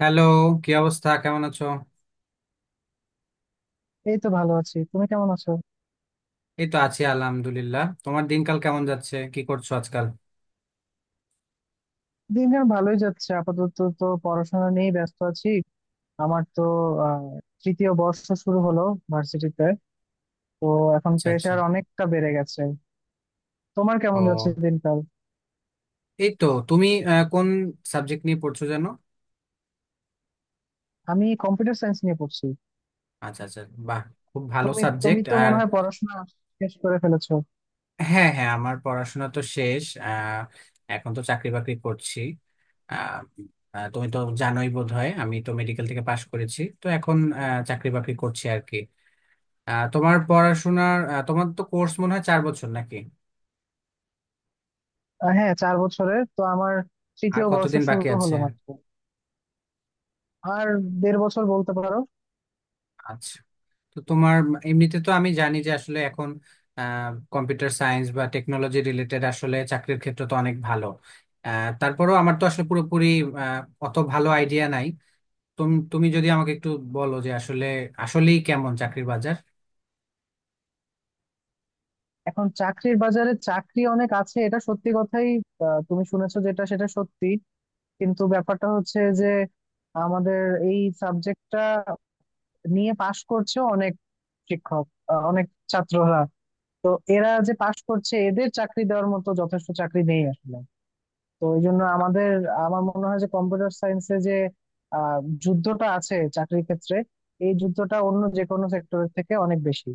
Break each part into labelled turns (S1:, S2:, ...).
S1: Hello. কি অবস্থা, কেমন আছো?
S2: এই তো ভালো আছি, তুমি কেমন আছো?
S1: এই তো আছি, আলহামদুলিল্লাহ। তোমার দিনকাল কেমন যাচ্ছে? কি করছো আজকাল?
S2: দিনকাল ভালোই যাচ্ছে, আপাতত তো পড়াশোনা নিয়ে ব্যস্ত আছি। আমার তো আহ তৃতীয় বর্ষ শুরু হলো ভার্সিটিতে, তো এখন
S1: আচ্ছা আচ্ছা।
S2: প্রেশার অনেকটা বেড়ে গেছে। তোমার কেমন যাচ্ছে
S1: ও,
S2: দিনকাল?
S1: এই তো। তুমি কোন সাবজেক্ট নিয়ে পড়ছো জানো?
S2: আমি কম্পিউটার সায়েন্স নিয়ে পড়ছি।
S1: আচ্ছা আচ্ছা। বাহ, খুব ভালো
S2: তুমি তুমি
S1: সাবজেক্ট।
S2: তো
S1: আর
S2: মনে হয় পড়াশোনা শেষ করে ফেলেছো।
S1: হ্যাঁ হ্যাঁ, আমার পড়াশোনা তো শেষ। এখন তো চাকরি বাকরি করছি। আহ, আহ, তুমি তো জানোই বোধহয়, আমি তো মেডিকেল থেকে পাশ করেছি, তো এখন চাকরি বাকরি করছি আর কি। তোমার পড়াশোনার তোমার তো কোর্স মনে হয় 4 বছর নাকি?
S2: হ্যাঁ, 4 বছরের, তো আমার
S1: আর
S2: তৃতীয় বর্ষ
S1: কতদিন বাকি
S2: শুরু
S1: আছে?
S2: হলো মাত্র। আর দেড় বছর বলতে পারো।
S1: আচ্ছা। তো তোমার এমনিতে তো আমি জানি যে আসলে এখন কম্পিউটার সায়েন্স বা টেকনোলজি রিলেটেড আসলে চাকরির ক্ষেত্র তো অনেক ভালো। তারপরেও আমার তো আসলে পুরোপুরি আহ, অত ভালো আইডিয়া নাই। তুমি তুমি যদি আমাকে একটু বলো যে আসলে আসলেই কেমন চাকরির বাজার।
S2: এখন চাকরির বাজারে চাকরি অনেক আছে, এটা সত্যি কথাই। তুমি শুনেছো যেটা সেটা সত্যি। কিন্তু ব্যাপারটা হচ্ছে যে আমাদের এই সাবজেক্টটা নিয়ে পাশ করছে অনেক শিক্ষক, অনেক ছাত্ররা। তো এরা যে পাশ করছে, এদের চাকরি দেওয়ার মতো যথেষ্ট চাকরি নেই আসলে। তো এই জন্য আমাদের, আমার মনে হয় যে কম্পিউটার সায়েন্সে যে আহ যুদ্ধটা আছে চাকরির ক্ষেত্রে, এই যুদ্ধটা অন্য যে কোনো সেক্টরের থেকে অনেক বেশি।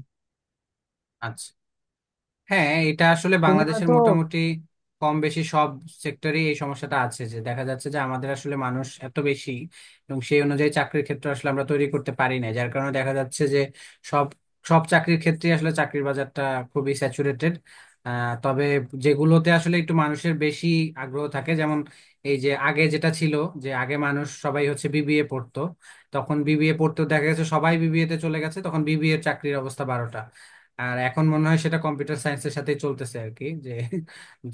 S1: আচ্ছা। হ্যাঁ, এটা আসলে
S2: তুমি
S1: বাংলাদেশের
S2: হয়তো
S1: মোটামুটি কম বেশি সব সেক্টরে এই সমস্যাটা আছে। যে দেখা যাচ্ছে যে আমাদের আসলে মানুষ এত বেশি, এবং সেই অনুযায়ী চাকরির ক্ষেত্র আসলে আমরা তৈরি করতে পারি না, যার কারণে দেখা যাচ্ছে যে সব সব চাকরির ক্ষেত্রে আসলে চাকরির বাজারটা খুবই স্যাচুরেটেড। তবে যেগুলোতে আসলে একটু মানুষের বেশি আগ্রহ থাকে, যেমন এই যে আগে যেটা ছিল, যে আগে মানুষ সবাই হচ্ছে বিবিএ পড়তো, তখন বিবিএ পড়তো, দেখা গেছে সবাই বিবিএ তে চলে গেছে, তখন বিবিএ এর চাকরির অবস্থা বারোটা। আর এখন মনে হয় সেটা কম্পিউটার সায়েন্সের সাথেই চলতেছে আর কি। যে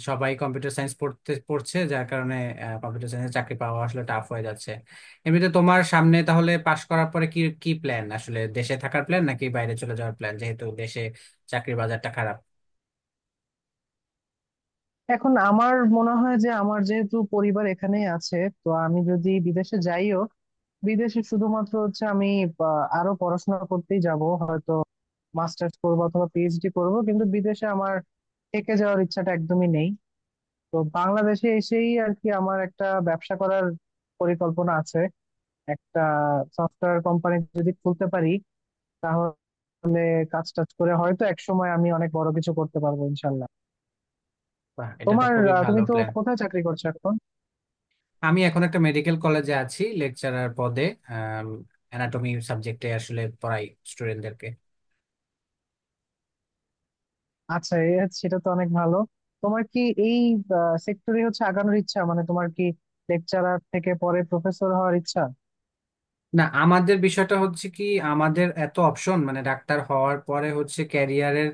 S1: সবাই কম্পিউটার সায়েন্স পড়তে পড়ছে, যার কারণে কম্পিউটার সায়েন্সে চাকরি পাওয়া আসলে টাফ হয়ে যাচ্ছে। এমনিতে তোমার সামনে তাহলে পাশ করার পরে কি কি প্ল্যান? আসলে দেশে থাকার প্ল্যান নাকি বাইরে চলে যাওয়ার প্ল্যান, যেহেতু দেশে চাকরির বাজারটা খারাপ?
S2: এখন আমার মনে হয় যে আমার যেহেতু পরিবার এখানেই আছে, তো আমি যদি বিদেশে যাইও, বিদেশে শুধুমাত্র হচ্ছে আমি আরো পড়াশোনা করতেই যাব হয়তো। মাস্টার্স করবো অথবা পিএইচডি করব, কিন্তু বিদেশে আমার থেকে যাওয়ার ইচ্ছাটা একদমই নেই। তো বাংলাদেশে এসেই আর কি আমার একটা ব্যবসা করার পরিকল্পনা আছে। একটা সফটওয়্যার কোম্পানি যদি খুলতে পারি, তাহলে কাজ টাজ করে হয়তো এক সময় আমি অনেক বড় কিছু করতে পারবো ইনশাল্লাহ।
S1: বাহ, এটা তো খুবই ভালো
S2: তুমি তো
S1: প্ল্যান।
S2: কোথায় চাকরি করছো এখন?
S1: আমি এখন একটা মেডিকেল কলেজে আছি লেকচারার পদে। অ্যানাটমি সাবজেক্টে আসলে পড়াই স্টুডেন্টদেরকে।
S2: আচ্ছা, সেটা তো অনেক ভালো। তোমার কি এই সেক্টরে হচ্ছে আগানোর ইচ্ছা, মানে তোমার কি লেকচারার থেকে পরে প্রফেসর হওয়ার ইচ্ছা?
S1: না, আমাদের বিষয়টা হচ্ছে কি, আমাদের এত অপশন, মানে ডাক্তার হওয়ার পরে হচ্ছে ক্যারিয়ারের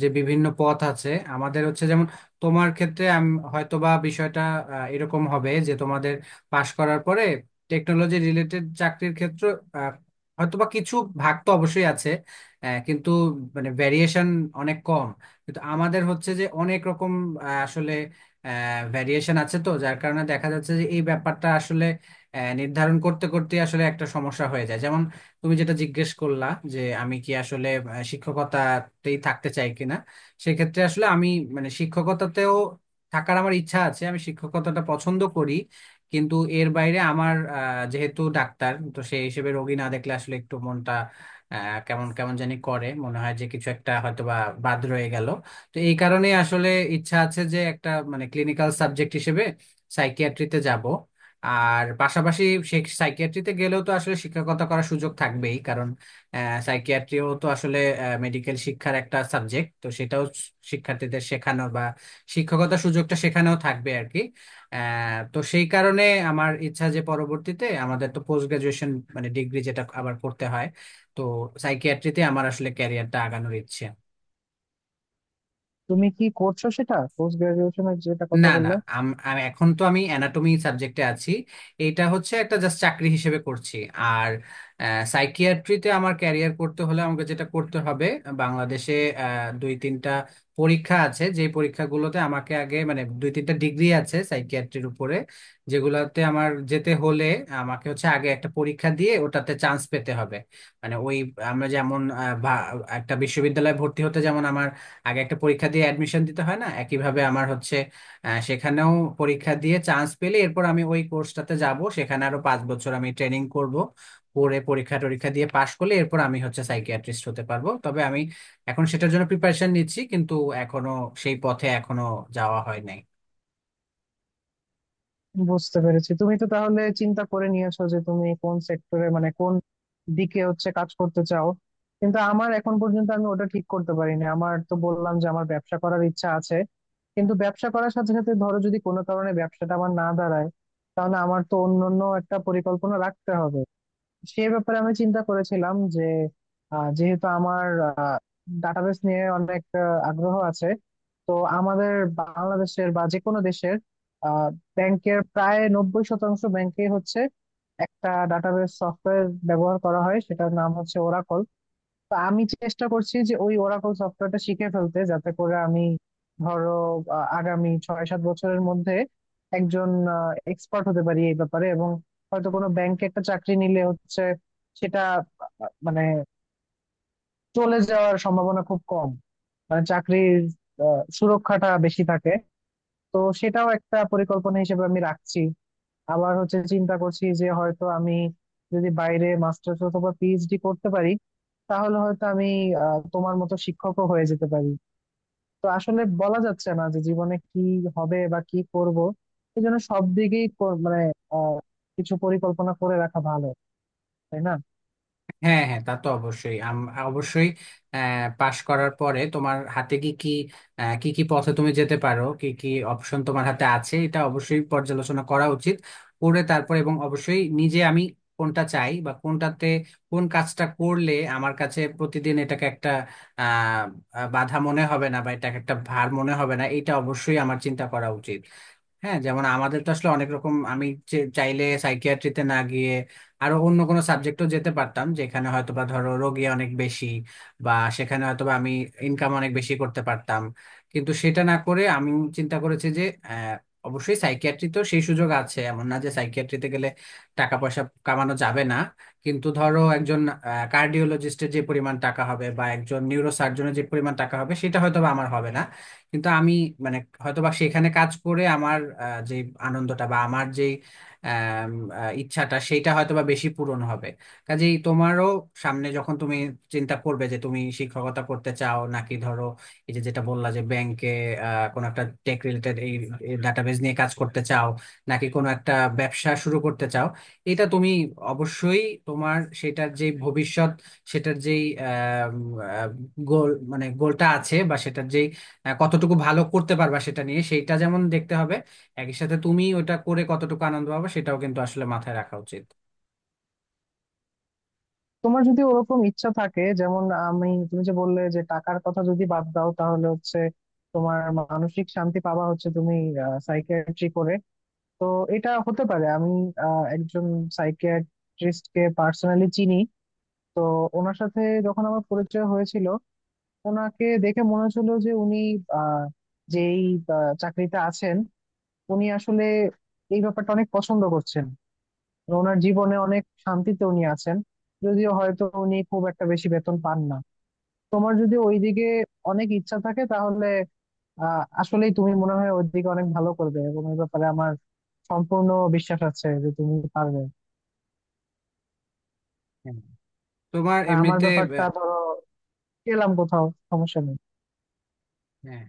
S1: যে বিভিন্ন পথ আছে। আমাদের হচ্ছে যেমন, তোমার ক্ষেত্রে হয়তো বা বিষয়টা এরকম হবে যে তোমাদের পাশ করার পরে টেকনোলজি রিলেটেড চাকরির ক্ষেত্র আহ, হয়তো বা কিছু ভাগ তো অবশ্যই আছে, কিন্তু মানে ভ্যারিয়েশন অনেক কম। কিন্তু আমাদের হচ্ছে যে অনেক রকম আসলে ভ্যারিয়েশন আছে, তো যার কারণে দেখা যাচ্ছে যে এই ব্যাপারটা নির্ধারণ করতে করতে আসলে একটা সমস্যা হয়ে যায়। যেমন তুমি যেটা জিজ্ঞেস করলা যে আমি কি আসলে শিক্ষকতাতেই থাকতে চাই কিনা। সেক্ষেত্রে আসলে আমি, মানে শিক্ষকতাতেও থাকার আমার ইচ্ছা আছে, আমি শিক্ষকতাটা পছন্দ করি। কিন্তু এর বাইরে আমার যেহেতু ডাক্তার, তো সেই হিসেবে রোগী না দেখলে আসলে একটু মনটা আহ, কেমন কেমন জানি করে, মনে হয় যে কিছু একটা হয়তোবা বাদ রয়ে গেল। তো এই কারণে আসলে ইচ্ছা আছে যে একটা মানে ক্লিনিক্যাল সাবজেক্ট হিসেবে সাইকিয়াট্রিতে যাব। আর পাশাপাশি সে, সাইকিয়াট্রিতে গেলেও তো আসলে শিক্ষকতা করার সুযোগ থাকবেই, কারণ সাইকিয়াট্রিও তো আসলে মেডিকেল শিক্ষার একটা সাবজেক্ট, তো সেটাও শিক্ষার্থীদের শেখানো বা শিক্ষকতার সুযোগটা সেখানেও থাকবে আর কি। তো সেই কারণে আমার ইচ্ছা যে পরবর্তীতে আমাদের তো পোস্ট গ্রাজুয়েশন মানে ডিগ্রি যেটা আবার করতে হয়, তো সাইকিয়াট্রিতে আমার আসলে ক্যারিয়ারটা আগানোর ইচ্ছে।
S2: তুমি কি করছো সেটা, পোস্ট গ্রাজুয়েশনের যেটা
S1: না
S2: কথা
S1: না,
S2: বললে?
S1: আমি এখন তো আমি অ্যানাটমি সাবজেক্টে আছি। এটা হচ্ছে একটা জাস্ট চাকরি হিসেবে করছি। আর সাইকিয়াট্রিতে আমার ক্যারিয়ার করতে হলে আমাকে যেটা করতে হবে, বাংলাদেশে 2-3টা পরীক্ষা আছে, যে পরীক্ষাগুলোতে আমাকে আগে, মানে 2-3টা ডিগ্রি আছে সাইকিয়াট্রির উপরে, যেগুলোতে আমার যেতে হলে আমাকে হচ্ছে আগে একটা পরীক্ষা দিয়ে ওটাতে চান্স পেতে হবে। মানে ওই, আমরা যেমন একটা বিশ্ববিদ্যালয়ে ভর্তি হতে যেমন আমার আগে একটা পরীক্ষা দিয়ে অ্যাডমিশন দিতে হয় না, সেখানেও পরীক্ষা দিয়ে চান্স পেলে এরপর আমি ওই কোর্সটাতে যাব, সেখানে আরো 5 বছর আমি ট্রেনিং করব। করে পরীক্ষা টরীক্ষা দিয়ে পাশ করলে এরপর আমি হচ্ছে সাইকিয়াট্রিস্ট হতে পারবো। তবে আমি এখন সেটার জন্য প্রিপারেশন নিচ্ছি, কিন্তু এখনো সেই পথে এখনো যাওয়া হয় নাই।
S2: বুঝতে পেরেছি। তুমি তো তাহলে চিন্তা করে নিয়েছো যে তুমি কোন সেক্টরে, মানে কোন দিকে হচ্ছে কাজ করতে চাও। কিন্তু আমার, এখন পর্যন্ত আমি ওটা ঠিক করতে পারিনি। আমার তো বললাম যে আমার ব্যবসা করার ইচ্ছা আছে, কিন্তু ব্যবসা করার সাথে সাথে ধরো যদি কোনো কারণে ব্যবসাটা আমার না দাঁড়ায়, তাহলে আমার তো অন্য অন্য একটা পরিকল্পনা রাখতে হবে। সে ব্যাপারে আমি চিন্তা করেছিলাম যে যেহেতু আমার ডাটাবেস নিয়ে অনেক আগ্রহ আছে, তো আমাদের বাংলাদেশের বা যে কোনো দেশের ব্যাংকের প্রায় 90% ব্যাংকে হচ্ছে একটা ডাটাবেস সফটওয়্যার ব্যবহার করা হয়, সেটার নাম হচ্ছে ওরাকল। তো আমি চেষ্টা করছি যে ওই ওরাকল সফটওয়্যারটা শিখে ফেলতে, যাতে করে আমি, ধরো আগামী 6-7 বছরের মধ্যে একজন এক্সপার্ট হতে পারি এই ব্যাপারে, এবং হয়তো কোনো ব্যাংকে একটা চাকরি নিলে হচ্ছে সেটা, মানে চলে যাওয়ার সম্ভাবনা খুব কম, মানে চাকরির আ, সুরক্ষাটা বেশি থাকে। তো সেটাও একটা পরিকল্পনা হিসেবে আমি রাখছি। আবার হচ্ছে চিন্তা করছি যে হয়তো আমি যদি বাইরে মাস্টার্স অথবা পিএইচডি করতে পারি, তাহলে হয়তো আমি তোমার মতো শিক্ষকও হয়ে যেতে পারি। তো আসলে বলা যাচ্ছে না যে জীবনে কি হবে বা কি করব। এই জন্য সব দিকেই মানে আহ, কিছু পরিকল্পনা করে রাখা ভালো, তাই না?
S1: হ্যাঁ হ্যাঁ, তা তো অবশ্যই। অবশ্যই পাশ করার পরে তোমার হাতে কি কি কি কি পথে তুমি যেতে পারো, কি কি অপশন তোমার হাতে আছে, এটা অবশ্যই পর্যালোচনা করা উচিত করে তারপর। এবং অবশ্যই নিজে আমি কোনটা চাই বা কোনটাতে, কোন কাজটা করলে আমার কাছে প্রতিদিন এটাকে একটা আহ আহ, বাধা মনে হবে না বা এটাকে একটা ভার মনে হবে না, এটা অবশ্যই আমার চিন্তা করা উচিত। হ্যাঁ, যেমন আমাদের তো আসলে অনেক রকম, আমি চাইলে সাইকিয়াট্রিতে না গিয়ে আরো অন্য কোনো সাবজেক্টও যেতে পারতাম, যেখানে হয়তোবা ধরো রোগী অনেক বেশি, বা সেখানে হয়তোবা আমি ইনকাম অনেক বেশি করতে পারতাম। কিন্তু সেটা না করে আমি চিন্তা করেছি যে আহ, অবশ্যই সাইকিয়াট্রি তো সেই সুযোগ আছে, এমন না যে সাইকিয়াট্রিতে গেলে টাকা পয়সা কামানো যাবে না। কিন্তু ধরো একজন কার্ডিওলজিস্টের যে পরিমাণ টাকা হবে বা একজন নিউরোসার্জনের যে পরিমাণ টাকা হবে, সেটা হয়তোবা আমার হবে না। কিন্তু আমি, মানে হয়তোবা সেখানে কাজ করে আমার যে আনন্দটা বা আমার যে আম, ইচ্ছাটা, সেইটা হয়তোবা বেশি পূরণ হবে। কাজেই তোমারও সামনে যখন তুমি চিন্তা করবে যে তুমি শিক্ষকতা করতে চাও, নাকি ধরো এই যে যেটা বললা যে ব্যাংকে কোনো একটা টেক রিলেটেড এই ডাটাবেজ নিয়ে কাজ করতে চাও, নাকি কোনো একটা ব্যবসা শুরু করতে চাও, এটা তুমি অবশ্যই তোমার সেটার যে ভবিষ্যৎ, সেটার যেই গোল, মানে গোলটা আছে বা সেটার যেই, হ্যাঁ, কতটুকু ভালো করতে পারবা সেটা নিয়ে, সেইটা যেমন দেখতে হবে, একই সাথে তুমি ওটা করে কতটুকু আনন্দ পাবা সেটাও কিন্তু আসলে মাথায় রাখা উচিত।
S2: তোমার যদি ওরকম ইচ্ছা থাকে, যেমন আমি, তুমি যে বললে যে টাকার কথা যদি বাদ দাও, তাহলে হচ্ছে তোমার মানসিক শান্তি পাবা হচ্ছে তুমি সাইকিয়াট্রি করে। তো এটা হতে পারে, আমি একজন সাইকিয়াট্রিস্ট কে পার্সোনালি চিনি। তো ওনার সাথে যখন আমার পরিচয় হয়েছিল, ওনাকে দেখে মনে হচ্ছিল যে উনি আহ, যেই চাকরিতে আছেন, উনি আসলে এই ব্যাপারটা অনেক পছন্দ করছেন। ওনার জীবনে অনেক শান্তিতে উনি আছেন, যদিও হয়তো উনি খুব একটা বেশি বেতন পান না। তোমার যদি ওইদিকে অনেক ইচ্ছা থাকে, তাহলে আসলেই তুমি মনে হয় ওইদিকে অনেক ভালো করবে, এবং এই ব্যাপারে আমার সম্পূর্ণ বিশ্বাস আছে যে তুমি পারবে।
S1: হ্যাঁ। তোমার
S2: আর আমার
S1: এমনিতে
S2: ব্যাপারটা
S1: আহ,
S2: ধরো, পেলাম কোথাও, সমস্যা নেই।
S1: হ্যাঁ,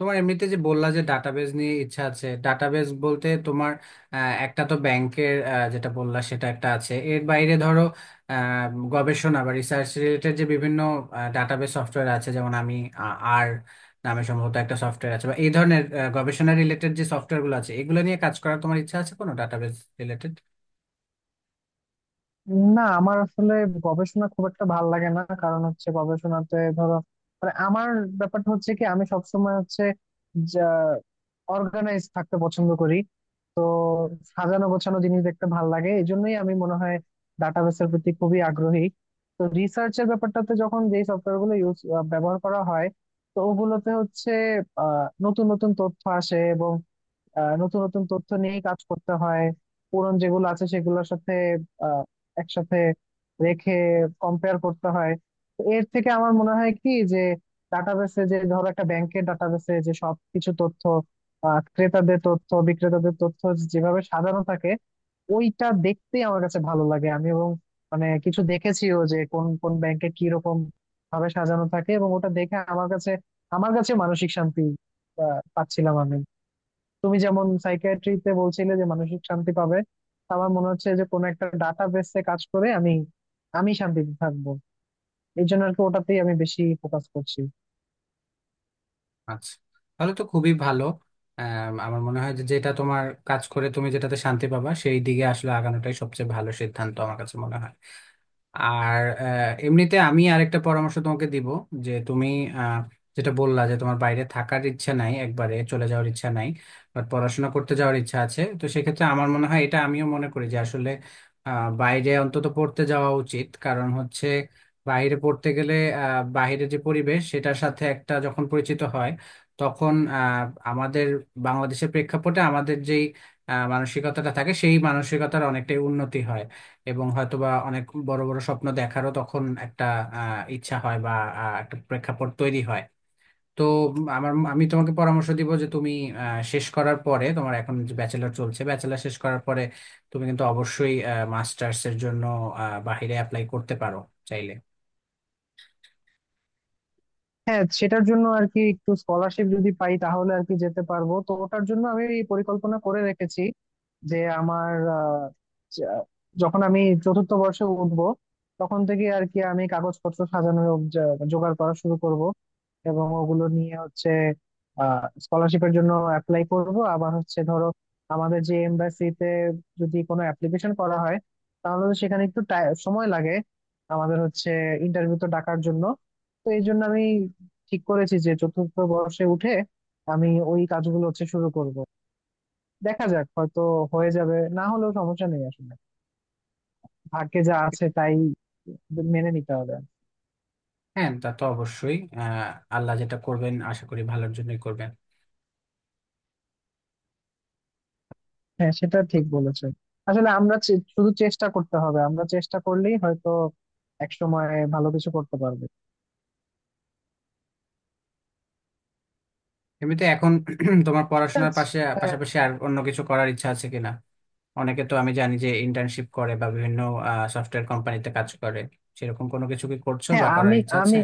S1: তোমার এমনিতে যে বললা যে ডাটাবেজ নিয়ে ইচ্ছা আছে, ডাটাবেজ বলতে তোমার একটা তো ব্যাংকের যেটা বললা সেটা একটা আছে, এর বাইরে ধরো আহ, গবেষণা বা রিসার্চ রিলেটেড যে বিভিন্ন ডাটাবেজ সফটওয়্যার আছে, যেমন আমি আর নামে সম্ভবত একটা সফটওয়্যার আছে, বা এই ধরনের গবেষণা রিলেটেড যে সফটওয়্যার গুলো আছে, এগুলো নিয়ে কাজ করার তোমার ইচ্ছা আছে কোনো ডাটাবেজ রিলেটেড?
S2: না, আমার আসলে গবেষণা খুব একটা ভালো লাগে না। কারণ হচ্ছে গবেষণাতে ধরো, মানে আমার ব্যাপারটা হচ্ছে কি, আমি সবসময় হচ্ছে যা অর্গানাইজ থাকতে পছন্দ করি। সাজানো গোছানো জিনিস দেখতে ভালো লাগে, এই জন্যই আমি মনে হয় ডাটাবেসের প্রতি খুবই আগ্রহী। তো রিসার্চের ব্যাপারটাতে যখন যে সফটওয়্যার গুলো ব্যবহার করা হয়, তো ওগুলোতে হচ্ছে নতুন নতুন তথ্য আসে, এবং নতুন নতুন তথ্য নিয়েই কাজ করতে হয়। পুরন যেগুলো আছে সেগুলোর সাথে আহ, একসাথে রেখে কম্পেয়ার করতে হয়। তো এর থেকে আমার মনে হয় কি যে, ডাটাবেসে, যে ধরো একটা ব্যাংকের ডাটাবেসে যে সব কিছু তথ্য, ক্রেতাদের তথ্য, বিক্রেতাদের তথ্য যেভাবে সাজানো থাকে, ওইটা দেখতেই আমার কাছে ভালো লাগে। আমি, এবং, মানে কিছু দেখেছিও যে কোন কোন ব্যাংকে কি রকম ভাবে সাজানো থাকে, এবং ওটা দেখে আমার কাছে মানসিক শান্তি পাচ্ছিলাম আমি। তুমি যেমন সাইকিয়াট্রিতে বলছিলে যে মানসিক শান্তি পাবে, আমার মনে হচ্ছে যে কোনো একটা ডাটা বেসে কাজ করে আমি আমি শান্তিতে থাকবো। এই জন্য আর কি ওটাতেই আমি বেশি ফোকাস করছি।
S1: আচ্ছা, তাহলে তো খুবই ভালো। আম, আমার মনে হয় যে যেটা তোমার কাজ করে তুমি যেটাতে শান্তি পাবা, সেই দিকে আসলে আগানোটাই সবচেয়ে ভালো সিদ্ধান্ত আমার কাছে মনে হয়। আর এমনিতে আমি আরেকটা পরামর্শ তোমাকে দিব যে তুমি আহ, যেটা বললা যে তোমার বাইরে থাকার ইচ্ছা নাই, একবারে চলে যাওয়ার ইচ্ছা নাই, বাট পড়াশোনা করতে যাওয়ার ইচ্ছা আছে। তো সেক্ষেত্রে আমার মনে হয়, এটা আমিও মনে করি যে আসলে বাইরে অন্তত পড়তে যাওয়া উচিত। কারণ হচ্ছে বাইরে পড়তে গেলে বাইরের যে পরিবেশ, সেটার সাথে একটা যখন পরিচিত হয়, তখন আমাদের বাংলাদেশের প্রেক্ষাপটে আমাদের যেই মানসিকতাটা থাকে, সেই মানসিকতার অনেকটাই উন্নতি হয়, এবং হয়তোবা অনেক বড় বড় স্বপ্ন দেখারও তখন একটা ইচ্ছা হয় বা একটা প্রেক্ষাপট তৈরি হয়। তো আমার, আমি তোমাকে পরামর্শ দিব যে তুমি শেষ করার পরে তোমার এখন যে ব্যাচেলর চলছে, ব্যাচেলর শেষ করার পরে তুমি কিন্তু অবশ্যই মাস্টার্স এর জন্য বাহিরে অ্যাপ্লাই করতে পারো চাইলে।
S2: হ্যাঁ, সেটার জন্য আর কি একটু স্কলারশিপ যদি পাই, তাহলে আর কি যেতে পারবো। তো ওটার জন্য আমি এই পরিকল্পনা করে রেখেছি যে আমার আহ, যা- যখন আমি চতুর্থ বর্ষে উঠবো, তখন থেকে আর কি আমি কাগজপত্র সাজানো, জোগাড় করা শুরু করব, এবং ওগুলো নিয়ে হচ্ছে স্কলারশিপের জন্য অ্যাপ্লাই করব। আবার হচ্ছে ধরো আমাদের যে এমবাসিতে যদি কোনো অ্যাপ্লিকেশন করা হয়, তাহলে তো সেখানে একটু সময় লাগে, আমাদের হচ্ছে ইন্টারভিউ তো ডাকার জন্য। তো এই জন্য আমি ঠিক করেছি যে চতুর্থ বর্ষে উঠে আমি ওই কাজগুলো হচ্ছে শুরু করব। দেখা যাক, হয়তো হয়ে যাবে, না হলেও সমস্যা নেই আসলে। ভাগ্যে যা আছে তাই মেনে নিতে হবে।
S1: হ্যাঁ, তা তো অবশ্যই। আল্লাহ যেটা করবেন আশা করি ভালোর জন্যই করবেন।
S2: হ্যাঁ, সেটা
S1: তো
S2: ঠিক বলেছে। আসলে আমরা শুধু চেষ্টা করতে হবে, আমরা চেষ্টা করলেই হয়তো একসময় ভালো কিছু করতে পারবে।
S1: এমনিতে এখন তোমার
S2: ঠিক
S1: পড়াশোনার
S2: আছে।
S1: পাশে
S2: হ্যাঁ।
S1: পাশাপাশি আর অন্য কিছু করার ইচ্ছা আছে কিনা? অনেকে তো আমি জানি যে ইন্টার্নশিপ করে বা বিভিন্ন সফটওয়্যার কোম্পানিতে কাজ করে, সেরকম কোনো কিছু কি করছো
S2: হ্যাঁ,
S1: বা করার
S2: আমি
S1: ইচ্ছা আছে?
S2: আমি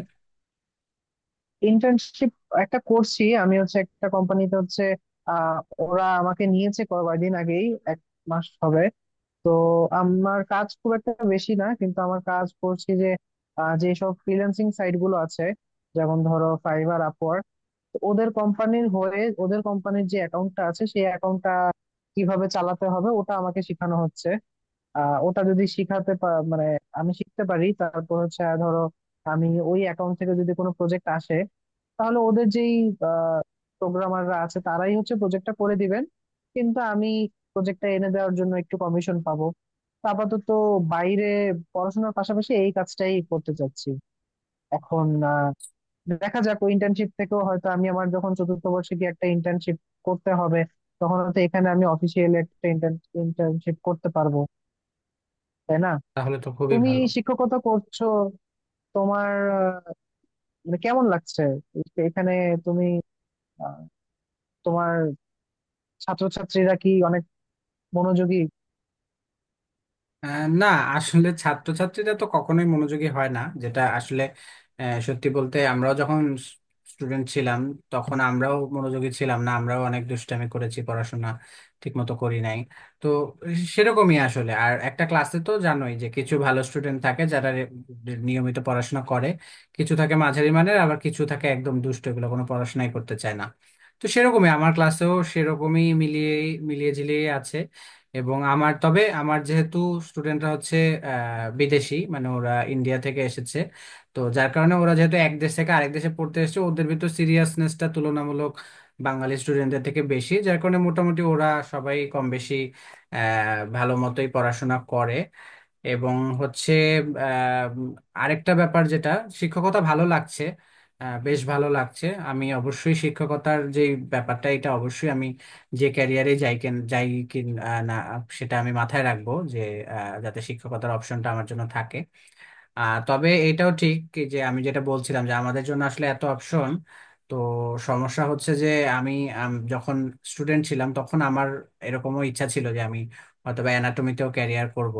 S2: ইন্টার্নশিপ একটা করছি। আমি হচ্ছে একটা কোম্পানিতে হচ্ছে, আহ ওরা আমাকে নিয়েছে কয়েকদিন আগেই, 1 মাস হবে। তো আমার কাজ খুব একটা বেশি না, কিন্তু আমার কাজ করছি যে যেসব ফ্রিল্যান্সিং সাইট গুলো আছে, যেমন ধরো ফাইবার, আপওয়ার্ক, তো ওদের কোম্পানির হয়ে ওদের কোম্পানির যে অ্যাকাউন্টটা আছে, সেই অ্যাকাউন্টটা কিভাবে চালাতে হবে ওটা আমাকে শেখানো হচ্ছে। ওটা যদি মানে আমি শিখতে পারি, তারপর হচ্ছে ধরো আমি ওই অ্যাকাউন্ট থেকে যদি কোনো প্রজেক্ট আসে, তাহলে ওদের যেই প্রোগ্রামাররা আছে তারাই হচ্ছে প্রজেক্টটা করে দিবেন, কিন্তু আমি প্রজেক্টটা এনে দেওয়ার জন্য একটু কমিশন পাবো। তো আপাতত বাইরে পড়াশোনার পাশাপাশি এই কাজটাই করতে চাচ্ছি এখন। আহ, দেখা যাক, ওই ইন্টার্নশিপ থেকেও হয়তো আমি, আমার যখন চতুর্থ বর্ষে গিয়ে একটা ইন্টার্নশিপ করতে হবে, তখন হয়তো এখানে আমি অফিসিয়ালি একটা ইন্টার্নশিপ করতে পারবো, তাই না?
S1: তাহলে তো খুবই
S2: তুমি
S1: ভালো।
S2: শিক্ষকতা করছো, তোমার আহ, মানে কেমন লাগছে এখানে? তুমি, আহ, তোমার ছাত্রছাত্রীরা কি অনেক মনোযোগী?
S1: না, আসলে ছাত্রছাত্রীরা তো কখনোই মনোযোগী হয় না, যেটা আসলে সত্যি বলতে আমরাও যখন স্টুডেন্ট ছিলাম তখন আমরাও মনোযোগী ছিলাম না, আমরাও অনেক দুষ্টামি করেছি, পড়াশোনা ঠিকমতো করি নাই। তো সেরকমই আসলে। আর একটা ক্লাসে তো জানোই যে কিছু ভালো স্টুডেন্ট থাকে যারা নিয়মিত পড়াশোনা করে, কিছু থাকে মাঝারি মানের, আবার কিছু থাকে একদম দুষ্ট, এগুলো কোনো পড়াশোনাই করতে চায় না। তো সেরকমই আমার ক্লাসেও সেরকমই মিলিয়ে মিলিয়ে ঝিলিয়ে আছে। এবং আমার, তবে আমার যেহেতু স্টুডেন্টরা হচ্ছে বিদেশি, মানে ওরা ইন্ডিয়া থেকে এসেছে, তো যার কারণে ওরা যেহেতু এক দেশ থেকে আরেক দেশে পড়তে এসেছে, ওদের ভিতর সিরিয়াসনেসটা তুলনামূলক বাঙালি স্টুডেন্টদের থেকে বেশি, যার কারণে মোটামুটি ওরা সবাই কম বেশি আহ ভালো মতোই পড়াশোনা করে। এবং হচ্ছে আহ, আরেকটা ব্যাপার যেটা, শিক্ষকতা ভালো লাগছে, বেশ ভালো লাগছে। আমি অবশ্যই শিক্ষকতার যে ব্যাপারটা, এটা অবশ্যই আমি যে ক্যারিয়ারে যাই, কেন যাই, কি না, সেটা আমি মাথায় রাখবো যে যাতে শিক্ষকতার অপশনটা আমার জন্য থাকে। তবে এটাও ঠিক যে আমি যেটা বলছিলাম যে আমাদের জন্য আসলে এত অপশন, তো সমস্যা হচ্ছে যে আমি, আম, যখন স্টুডেন্ট ছিলাম তখন আমার এরকমও ইচ্ছা ছিল যে আমি হয়তো বা অ্যানাটমিতেও ক্যারিয়ার করব।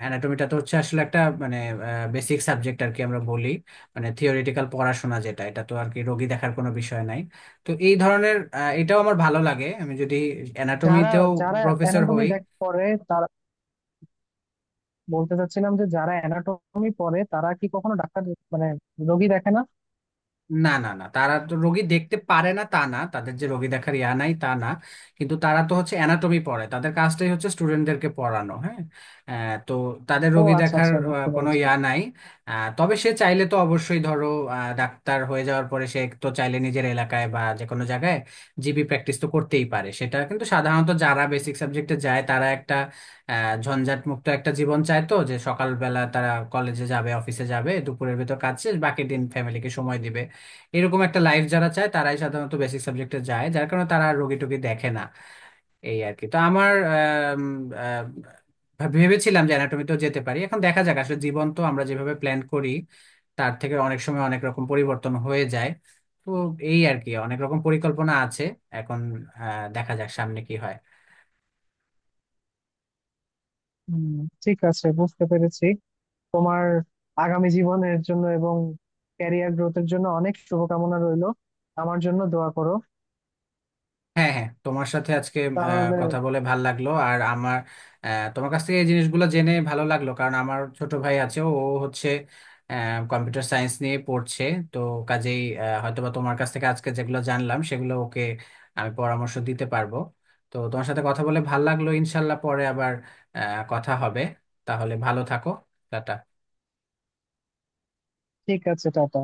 S1: অ্যানাটমিটা তো হচ্ছে আসলে একটা মানে বেসিক সাবজেক্ট আর কি আমরা বলি, মানে থিওরিটিক্যাল পড়াশোনা যেটা, এটা তো আর কি রোগী দেখার কোনো বিষয় নাই। তো এই ধরনের এটাও আমার ভালো লাগে, আমি যদি
S2: যারা,
S1: অ্যানাটমিতেও
S2: যারা
S1: প্রফেসর
S2: অ্যানাটমি
S1: হই।
S2: দেখ পড়ে তারা, বলতে চাচ্ছিলাম যে যারা অ্যানাটমি পড়ে তারা কি কখনো ডাক্তার, মানে রোগী দেখে না?
S1: না না না, তারা তো রোগী দেখতে পারে না তা না, তাদের যে রোগী দেখার ইয়া নাই তা না, কিন্তু তারা তো হচ্ছে অ্যানাটমি পড়ায়, তাদের কাজটাই হচ্ছে স্টুডেন্টদেরকে পড়ানো। হ্যাঁ, তো তাদের
S2: ও
S1: রোগী
S2: আচ্ছা
S1: দেখার
S2: আচ্ছা, বুঝতে
S1: কোনো
S2: পেরেছি।
S1: ইয়া নাই। তবে সে চাইলে তো অবশ্যই ধরো ডাক্তার হয়ে যাওয়ার পরে সে তো চাইলে নিজের এলাকায় বা যে কোনো জায়গায় জিবি প্র্যাকটিস তো করতেই পারে, সেটা। কিন্তু সাধারণত যারা বেসিক সাবজেক্টে যায় তারা একটা আহ, ঝঞ্ঝাট মুক্ত একটা জীবন চায়। তো যে সকালবেলা তারা কলেজে যাবে, অফিসে যাবে, দুপুরের ভিতর কাজ শেষ, বাকি দিন ফ্যামিলিকে সময় দিবে, এরকম একটা লাইফ যারা চায় তারাই সাধারণত বেসিক সাবজেক্টে যায়, যার কারণে তারা আর রোগী টোগী দেখে না। এই আর কি, তো আমার আম, আম, ভেবেছিলাম যে অ্যানাটমিতেও যেতে পারি। এখন দেখা যাক, আসলে জীবন তো আমরা যেভাবে প্ল্যান করি তার থেকে অনেক সময় অনেক রকম পরিবর্তন হয়ে যায়। তো এই আর কি, অনেক রকম পরিকল্পনা আছে এখন, দেখা যাক সামনে কি হয়।
S2: হম, ঠিক আছে, বুঝতে পেরেছি। তোমার আগামী জীবনের জন্য এবং ক্যারিয়ার গ্রোথের জন্য অনেক শুভকামনা রইলো। আমার জন্য দোয়া করো।
S1: হ্যাঁ হ্যাঁ, তোমার সাথে আজকে
S2: তাহলে
S1: কথা বলে ভাল লাগলো। আর আমার তোমার কাছ থেকে এই জিনিসগুলো জেনে ভালো লাগলো, কারণ আমার ছোট ভাই আছে ও হচ্ছে কম্পিউটার সায়েন্স নিয়ে পড়ছে। তো কাজেই হয়তোবা তোমার কাছ থেকে আজকে যেগুলো জানলাম সেগুলো ওকে আমি পরামর্শ দিতে পারবো। তো তোমার সাথে কথা বলে ভাল লাগলো, ইনশাল্লাহ পরে আবার কথা হবে। তাহলে ভালো থাকো, টাটা।
S2: ঠিক আছে, টাটা।